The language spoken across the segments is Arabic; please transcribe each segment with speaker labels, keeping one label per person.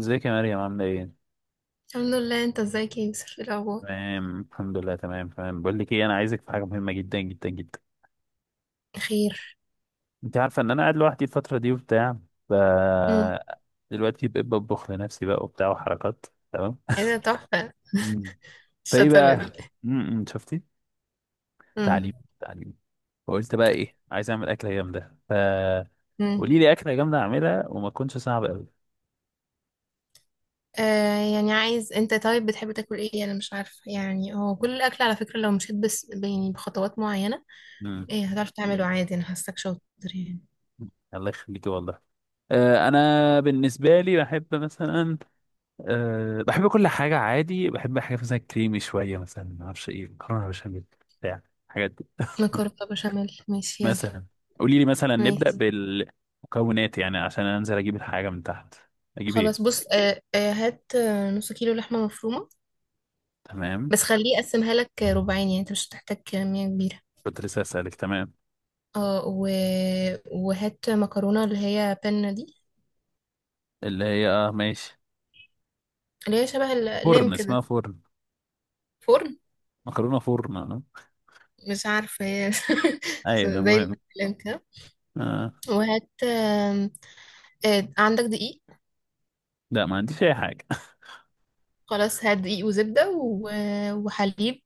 Speaker 1: ازيك يا مريم، عاملة ايه؟
Speaker 2: الحمد لله. انت ازيك يا يوسف؟ ايه الاخبار؟
Speaker 1: تمام الحمد لله، تمام تمام. بقول لك ايه، انا عايزك في حاجة مهمة جدا جدا جدا.
Speaker 2: خير.
Speaker 1: انت عارفة ان انا قاعد لوحدي الفترة دي وبتاع. ف
Speaker 2: امم
Speaker 1: دلوقتي بقيت بطبخ لنفسي بقى وبتاع وحركات. تمام.
Speaker 2: ايه ده؟ تحفه.
Speaker 1: مم. فايه
Speaker 2: الشطاره دي.
Speaker 1: بقى؟ شفتي؟
Speaker 2: امم.
Speaker 1: تعليم تعليم. فقلت بقى ايه، عايز اعمل أكلة جامدة.
Speaker 2: امم.
Speaker 1: قولي لي أكلة جامدة اعملها وما تكونش صعبة قوي.
Speaker 2: آه، يعني عايز. انت طيب بتحب تاكل ايه؟ انا مش عارفه يعني، هو كل الاكل على فكره لو مشيت بس يعني بخطوات معينه.
Speaker 1: امم.
Speaker 2: ايه هتعرف تعمله؟ عادي، انا حاساك شاطر يعني.
Speaker 1: الله يخليكي والله. انا بالنسبه لي بحب مثلا. بحب كل حاجة عادي، بحب حاجات مثلا كريمي شوية، مثلا ما اعرفش ايه، مكرونة بشاميل بتاع الحاجات دي
Speaker 2: مكرونه بشاميل؟ ماشي، يلا.
Speaker 1: مثلا قولي لي، مثلا نبدأ
Speaker 2: ماشي.
Speaker 1: بالمكونات يعني عشان انزل اجيب الحاجة من تحت. اجيب
Speaker 2: خلاص،
Speaker 1: ايه؟
Speaker 2: بص. هات، نص كيلو لحمه مفرومه.
Speaker 1: تمام،
Speaker 2: بس خليه يقسمها لك ربعين، يعني انت مش هتحتاج كميه كبيره.
Speaker 1: كنت لسه اسألك. تمام،
Speaker 2: اه وهات مكرونه اللي هي بنه دي.
Speaker 1: اللي هي اه ماشي.
Speaker 2: اللي هي شبه اللام
Speaker 1: فرن، اسمها
Speaker 2: كده.
Speaker 1: فرن.
Speaker 2: فرن.
Speaker 1: مكرونة فرن آه.
Speaker 2: مش عارفة هي.
Speaker 1: ايوه
Speaker 2: زي
Speaker 1: المهم.
Speaker 2: اللام كده.
Speaker 1: آه.
Speaker 2: وهات عندك دقيق؟
Speaker 1: لا، ما عنديش اي حاجة
Speaker 2: خلاص، هات دقيق وزبدة وحليب.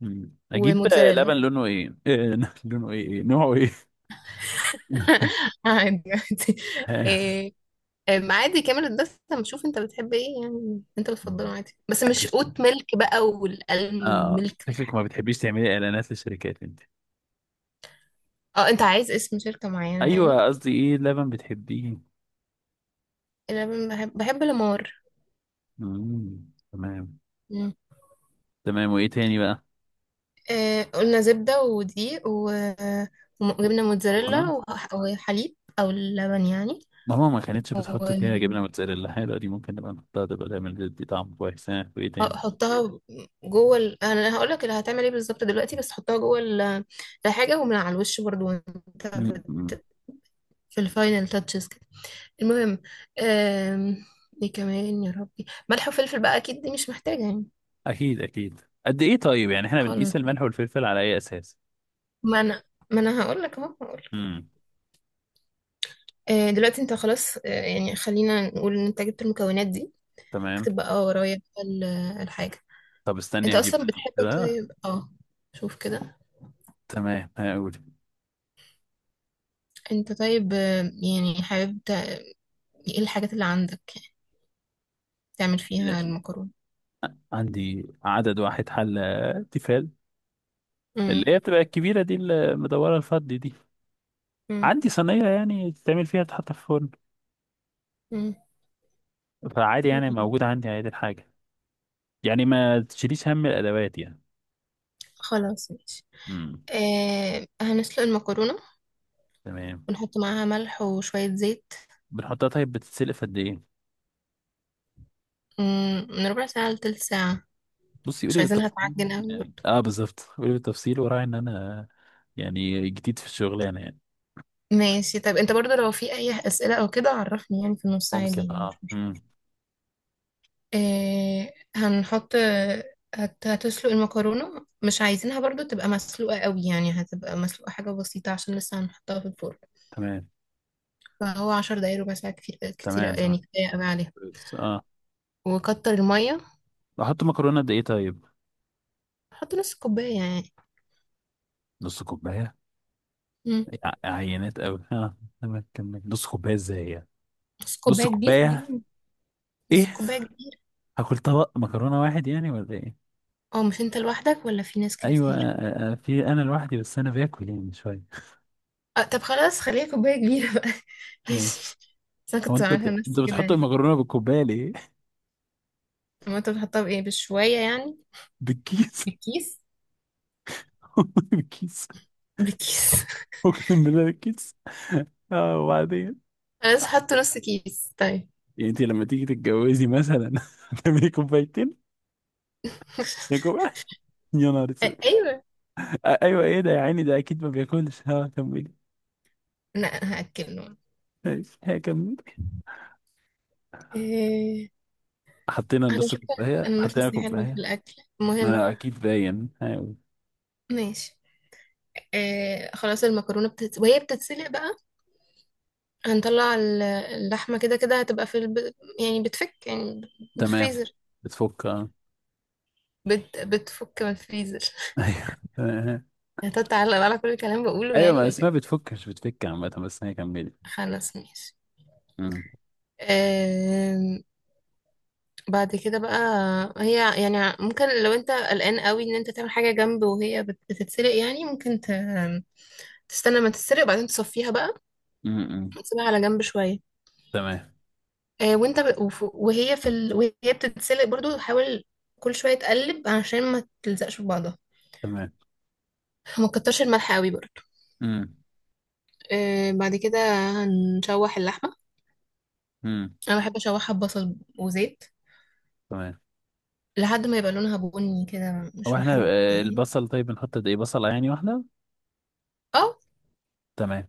Speaker 1: مم. اجيب
Speaker 2: وموتزاريلا.
Speaker 1: لبن لونه ايه، لونه ايه، إيه؟ نوعه ايه؟
Speaker 2: عادي عادي. آه، آم، عادي كامل الدسم. شوف انت بتحب ايه، يعني انت بتفضله عادي، بس مش
Speaker 1: ها.
Speaker 2: اوت ميلك بقى والالمند
Speaker 1: اه،
Speaker 2: ميلك
Speaker 1: شكلك
Speaker 2: والحاجات.
Speaker 1: ما بتحبيش تعملي اعلانات للشركات انت.
Speaker 2: اه، انت عايز اسم شركة معينة يعني؟
Speaker 1: ايوه، قصدي ايه لبن بتحبيه.
Speaker 2: انا بحب الامار.
Speaker 1: مم. تمام تمام. وايه تاني بقى؟
Speaker 2: قلنا زبدة ودقيق وجبنة موتزاريلا
Speaker 1: مكرونه
Speaker 2: وحليب أو اللبن يعني.
Speaker 1: ماما ما كانتش بتحط فيها جبنه موتزاريلا حلوه دي، ممكن نبقى نحطها تبقى تعمل دي طعم كويس. ها وايه تاني؟
Speaker 2: وحطها جوه أنا هقولك اللي هتعمل ايه بالظبط دلوقتي. بس حطها جوه الحاجة، ومن على الوش برضو وانت
Speaker 1: مم. مم.
Speaker 2: في الفاينل تاتشز كده. المهم. آم، ايه كمان يا ربي؟ ملح وفلفل بقى أكيد دي مش محتاجة يعني.
Speaker 1: اكيد اكيد. قد ايه طيب؟ يعني احنا
Speaker 2: خلاص.
Speaker 1: بنقيس الملح والفلفل على اي اساس؟
Speaker 2: ما أنا ما أنا هقولك أهو هقولك.
Speaker 1: امم.
Speaker 2: دلوقتي انت خلاص، يعني خلينا نقول ان انت جبت المكونات دي.
Speaker 1: تمام،
Speaker 2: اكتب بقى ورايا بقى الحاجة.
Speaker 1: طب
Speaker 2: انت
Speaker 1: استني هجيب.
Speaker 2: اصلا بتحب
Speaker 1: كده
Speaker 2: طيب اه. شوف كده.
Speaker 1: تمام، هقول.
Speaker 2: انت طيب، يعني حابب ايه الحاجات اللي عندك يعني تعمل فيها المكرونة؟
Speaker 1: عندي عدد واحد حلة تيفال
Speaker 2: امم.
Speaker 1: اللي هي بتبقى الكبيرة دي، المدورة الفضي دي.
Speaker 2: امم.
Speaker 1: عندي صينية يعني تتعمل فيها، تتحط في الفرن.
Speaker 2: امم.
Speaker 1: فعادي، يعني موجود عندي عادي الحاجة، يعني ما تشيليش هم الأدوات يعني.
Speaker 2: خلاص، ماشي.
Speaker 1: امم.
Speaker 2: آه، هنسلق المكرونة.
Speaker 1: تمام.
Speaker 2: ونحط معاها ملح وشوية زيت.
Speaker 1: بنحطها طيب، بتتسلق في قد إيه؟
Speaker 2: من ربع ساعة لتلت ساعة.
Speaker 1: بصي
Speaker 2: مش
Speaker 1: قولي
Speaker 2: عايزينها
Speaker 1: بالتفصيل.
Speaker 2: تعجن اوي
Speaker 1: يعني،
Speaker 2: برضه.
Speaker 1: اه بالظبط، قولي بالتفصيل وراعي إن أنا يعني جديد في الشغلانة يعني.
Speaker 2: ماشي، طب انت برضه لو في اي اسئلة او كده عرفني يعني في النص، عادي
Speaker 1: ممكن
Speaker 2: يعني مش
Speaker 1: اه
Speaker 2: مشكلة.
Speaker 1: امم.
Speaker 2: هنحط. هتسلق المكرونة. مش عايزينها برضو تبقى مسلوقة قوي، يعني هتبقى مسلوقة حاجة بسيطة عشان لسه هنحطها في الفرن.
Speaker 1: تمام
Speaker 2: فهو 10 دقايق، ربع ساعة كتير كتير
Speaker 1: تمام تمام.
Speaker 2: يعني، كفاية قوي عليها.
Speaker 1: بس، اه.
Speaker 2: وكتر المية.
Speaker 1: احط مكرونه قد ايه طيب؟
Speaker 2: حط نص كوباية يعني.
Speaker 1: نص كوبايه؟
Speaker 2: مم.
Speaker 1: ع- عينات قوي اه. تمام، كمل. نص كوبايه ازاي يعني؟
Speaker 2: نص
Speaker 1: نص
Speaker 2: كوباية كبيرة
Speaker 1: كوبايه؟
Speaker 2: يعني.
Speaker 1: ايه.
Speaker 2: نص كوباية كبيرة.
Speaker 1: هاكل طبق مكرونه واحد يعني ولا ايه؟
Speaker 2: اه، مش انت لوحدك ولا في ناس
Speaker 1: ايوه
Speaker 2: كتير؟
Speaker 1: في انا لوحدي بس انا باكل يعني شويه.
Speaker 2: أه، طب خلاص خليها كوباية كبيرة بقى.
Speaker 1: ماشي.
Speaker 2: ماشي. بس انا
Speaker 1: هو
Speaker 2: كنت
Speaker 1: انت
Speaker 2: عاملها
Speaker 1: بت... انت
Speaker 2: لنفسي كده
Speaker 1: بتحط
Speaker 2: يعني.
Speaker 1: المكرونه بالكوبايه ليه؟
Speaker 2: طب ما انت بتحطها بايه؟ بشوية يعني؟
Speaker 1: بالكيس.
Speaker 2: بكيس.
Speaker 1: بالكيس.
Speaker 2: بكيس.
Speaker 1: اقسم بالله، بالكيس. اه وبعدين،
Speaker 2: انا لسه حاطه نص كيس طيب.
Speaker 1: يعني انت لما تيجي تتجوزي مثلا تعملي كوبايتين، يا كوبايه؟ يا نهار اسود.
Speaker 2: ايوه.
Speaker 1: ايوه ايه ده يا عيني، ده اكيد ما بياكلش. ها كملي.
Speaker 2: لا، انا هاكله.
Speaker 1: ماشي ها كملي.
Speaker 2: إيه...
Speaker 1: حطينا
Speaker 2: على
Speaker 1: نص
Speaker 2: فكره
Speaker 1: كوبايه،
Speaker 2: انا
Speaker 1: حطينا
Speaker 2: نفسي حلو في
Speaker 1: كوبايه.
Speaker 2: الاكل. المهم.
Speaker 1: ما اكيد باين. ايوه
Speaker 2: ماشي. خلاص، المكرونه وهي بتتسلق بقى. هنطلع اللحمه كده كده هتبقى في يعني بتفك يعني من
Speaker 1: تمام،
Speaker 2: الفريزر.
Speaker 1: بتفك اه.
Speaker 2: بتفك من الفريزر.
Speaker 1: ايوه
Speaker 2: هتتعلق على كل الكلام بقوله
Speaker 1: ايوه،
Speaker 2: يعني
Speaker 1: ما
Speaker 2: ولا إيه؟
Speaker 1: اسمها بتفكش، بتفك عامة، بس هي كملت.
Speaker 2: خلاص، ماشي.
Speaker 1: أمم،
Speaker 2: آه، بعد كده بقى، هي يعني ممكن لو انت قلقان قوي ان انت تعمل حاجة جنب وهي بتتسلق، يعني ممكن تستنى ما تتسلق وبعدين تصفيها بقى.
Speaker 1: أمم، أمم.
Speaker 2: وتسيبها على جنب شوية.
Speaker 1: تمام
Speaker 2: وانت وهي في وهي بتتسلق برضو، حاول كل شوية تقلب عشان ما تلزقش في بعضها.
Speaker 1: تمام.
Speaker 2: ما تكترش الملح قوي برضو.
Speaker 1: أمم،
Speaker 2: بعد كده هنشوح اللحمة.
Speaker 1: أمم.
Speaker 2: انا بحب اشوحها ببصل وزيت.
Speaker 1: تمام.
Speaker 2: لحد ما يبقى لونها بني كده،
Speaker 1: هو
Speaker 2: مش
Speaker 1: احنا
Speaker 2: محروق يعني.
Speaker 1: البصل طيب بنحط قد ايه، بصلة يعني واحدة؟
Speaker 2: اه.
Speaker 1: تمام.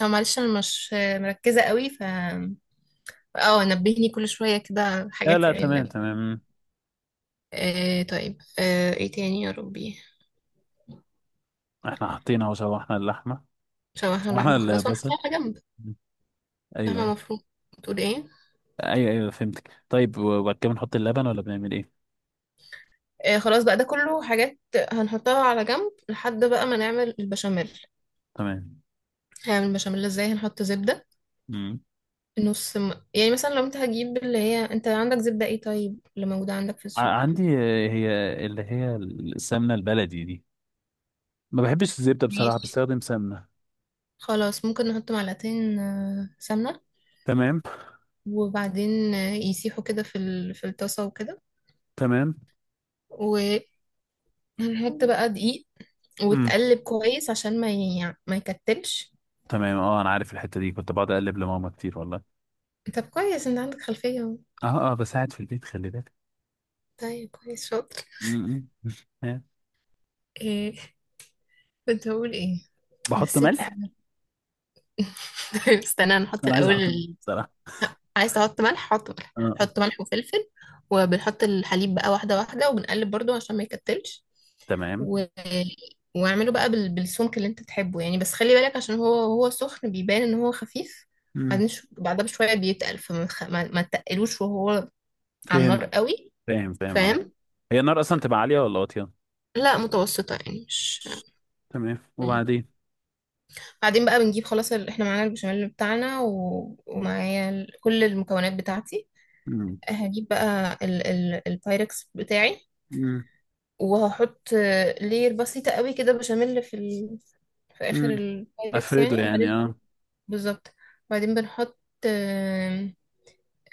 Speaker 2: اه، معلش انا مش مركزة قوي اه نبهني كل شوية كده
Speaker 1: لا
Speaker 2: حاجات
Speaker 1: لا
Speaker 2: يعني اللي.
Speaker 1: تمام تمام. مم.
Speaker 2: آه طيب، ايه تاني يا ربي؟
Speaker 1: احنا حاطين اهو، شوحنا اللحمة،
Speaker 2: شوحنا
Speaker 1: شوحنا
Speaker 2: اللحمة خلاص ونحطها
Speaker 1: البصل.
Speaker 2: على جنب.
Speaker 1: أمم، ايوه
Speaker 2: لحمة مفرومة. بتقول ايه؟
Speaker 1: ايوه ايوه فهمتك. طيب وبعد كده بنحط اللبن ولا بنعمل ايه؟
Speaker 2: آه، خلاص بقى ده كله حاجات هنحطها على جنب لحد بقى ما نعمل البشاميل.
Speaker 1: تمام.
Speaker 2: هنعمل البشاميل ازاي؟ هنحط زبدة.
Speaker 1: أمم.
Speaker 2: نص يعني مثلا لو انت هتجيب اللي هي، انت عندك زبدة ايه طيب اللي موجودة عندك في
Speaker 1: ع-
Speaker 2: السوق؟
Speaker 1: عندي هي اللي هي السمنة البلدي دي. ما بحبش الزبدة بصراحة،
Speaker 2: ماشي.
Speaker 1: بستخدم سمنة.
Speaker 2: خلاص، ممكن نحط معلقتين سمنة.
Speaker 1: تمام
Speaker 2: وبعدين يسيحوا كده في في الطاسة وكده.
Speaker 1: تمام.
Speaker 2: وهنحط بقى دقيق.
Speaker 1: مم.
Speaker 2: وتقلب كويس عشان ما يكتلش.
Speaker 1: تمام اه، انا عارف الحته دي، كنت بقعد اقلب لماما كتير والله.
Speaker 2: طب كويس، انت عندك خلفية اهو.
Speaker 1: اه اه بساعد في البيت خلي بالك.
Speaker 2: طيب كويس، شاطر.
Speaker 1: مم. آه.
Speaker 2: ايه كنت هقول ايه؟
Speaker 1: بحط
Speaker 2: نسيت.
Speaker 1: ملح.
Speaker 2: طيب، استنى نحط
Speaker 1: انا عايز
Speaker 2: الاول
Speaker 1: احط ملح بصراحه.
Speaker 2: عايز تحط ملح؟ حط ملح،
Speaker 1: اه آه.
Speaker 2: حط ملح وفلفل. وبنحط الحليب بقى واحدة واحدة، وبنقلب برضو عشان ما يكتلش.
Speaker 1: تمام.
Speaker 2: و... واعمله بقى بالسمك اللي انت تحبه يعني، بس خلي بالك عشان هو سخن بيبان ان هو خفيف.
Speaker 1: مم.
Speaker 2: بعدين بعدها بشوية بيتقل، فما ما تقلوش وهو على
Speaker 1: فهمت.
Speaker 2: النار قوي.
Speaker 1: فاهم فاهم اه.
Speaker 2: فاهم.
Speaker 1: هي النار اصلا تبقى عاليه ولا واطيه؟
Speaker 2: لا، متوسطة يعني، مش.
Speaker 1: تمام
Speaker 2: مم.
Speaker 1: وبعدين.
Speaker 2: بعدين بقى بنجيب خلاص احنا معانا البشاميل بتاعنا ومعايا كل المكونات بتاعتي.
Speaker 1: مم.
Speaker 2: هجيب بقى البايركس بتاعي.
Speaker 1: مم.
Speaker 2: وهحط لير بسيطة قوي كده بشاميل في في آخر
Speaker 1: مم.
Speaker 2: البايركس
Speaker 1: افرده
Speaker 2: يعني،
Speaker 1: يعني
Speaker 2: وبعدين
Speaker 1: اه.
Speaker 2: بالظبط. وبعدين بنحط آم،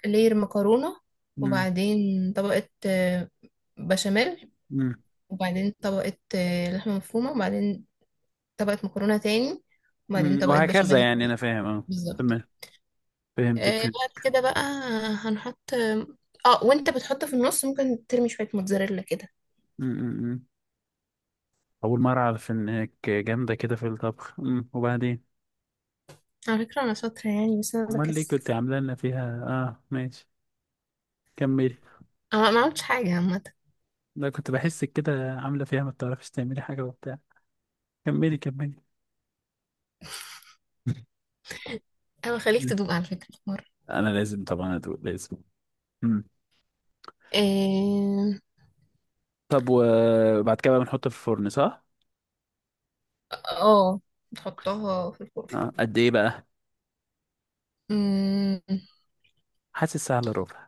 Speaker 2: لير مكرونة.
Speaker 1: مم.
Speaker 2: وبعدين طبقة بشاميل.
Speaker 1: مم.
Speaker 2: وبعدين طبقة لحمة مفرومة، وبعدين طبقة مكرونة تاني، وبعدين
Speaker 1: مم.
Speaker 2: طبقة
Speaker 1: وهكذا
Speaker 2: بشاميل.
Speaker 1: يعني انا فاهم اه.
Speaker 2: بالظبط.
Speaker 1: تمام. فهمتك فهمت.
Speaker 2: بعد كده بقى هنحط. اه، وانت بتحط في النص ممكن ترمي شوية موتزاريلا كده.
Speaker 1: مم. اول مره اعرف انك جامده كده في الطبخ. أمم، وبعدين.
Speaker 2: على فكرة انا شاطرة يعني، بس انا
Speaker 1: امال ليه
Speaker 2: بكسل.
Speaker 1: كنت عامله لنا فيها اه، ماشي كملي.
Speaker 2: انا ما عملتش حاجة عامة.
Speaker 1: لا كنت بحسك كده عاملة فيها ما بتعرفيش تعملي حاجة وبتاع. كملي كملي.
Speaker 2: انا خليك
Speaker 1: مم.
Speaker 2: تدوق على فكرة في مرة.
Speaker 1: انا لازم طبعا ادوق لازم. مم.
Speaker 2: اه.
Speaker 1: طب وبعد كده بقى بنحطه في الفرن صح؟
Speaker 2: آه، بتحطها في الفرن.
Speaker 1: آه. قد ايه بقى؟
Speaker 2: مم،
Speaker 1: حاسس سهل، ربع.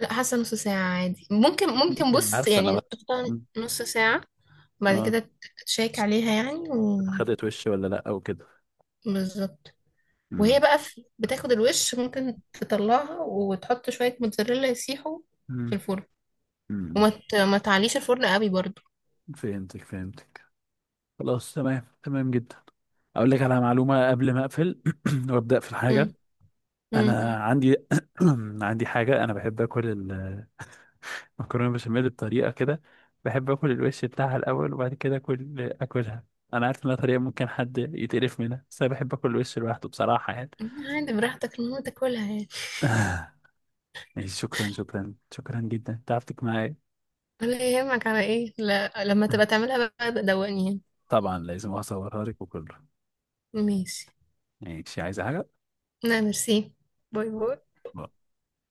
Speaker 2: لا، حاسة نص ساعة عادي، ممكن ممكن
Speaker 1: يلا.
Speaker 2: بص
Speaker 1: عارفه انا
Speaker 2: يعني
Speaker 1: بقى.
Speaker 2: تحطها
Speaker 1: مم.
Speaker 2: نص ساعة. بعد
Speaker 1: اه.
Speaker 2: كده تشيك عليها يعني
Speaker 1: خدت وش ولا لا او كده.
Speaker 2: بالظبط.
Speaker 1: مم.
Speaker 2: وهي بقى بتاخد الوش، ممكن تطلعها وتحط شوية موتزاريلا يسيحوا
Speaker 1: مم.
Speaker 2: في الفرن. وما
Speaker 1: مم.
Speaker 2: ما تعليش الفرن قوي برضو.
Speaker 1: فهمتك فهمتك. خلاص تمام تمام جدا. اقول لك على معلومه قبل ما اقفل وابدا في الحاجه.
Speaker 2: مم. مم.
Speaker 1: انا عندي عندي حاجه انا بحب اكل مكرونه بشاميل بطريقه كده. بحب اكل الوش بتاعها الاول وبعد كده اكل اكلها. انا عارف انها طريقه ممكن حد يتقرف منها، بس انا بحب اكل الوش لوحده بصراحه يعني.
Speaker 2: عادي براحتك، المهم تاكلها يعني.
Speaker 1: آه، ماشي. شكرا شكرا شكرا جدا، تعبتك معايا.
Speaker 2: ولا يهمك على ايه. لا، لما تبقى تعملها بقى دوقني يعني.
Speaker 1: طبعا لازم اصورها لك وكله.
Speaker 2: ماشي.
Speaker 1: ماشي، عايزه حاجه؟
Speaker 2: لا، ميرسي. باي باي.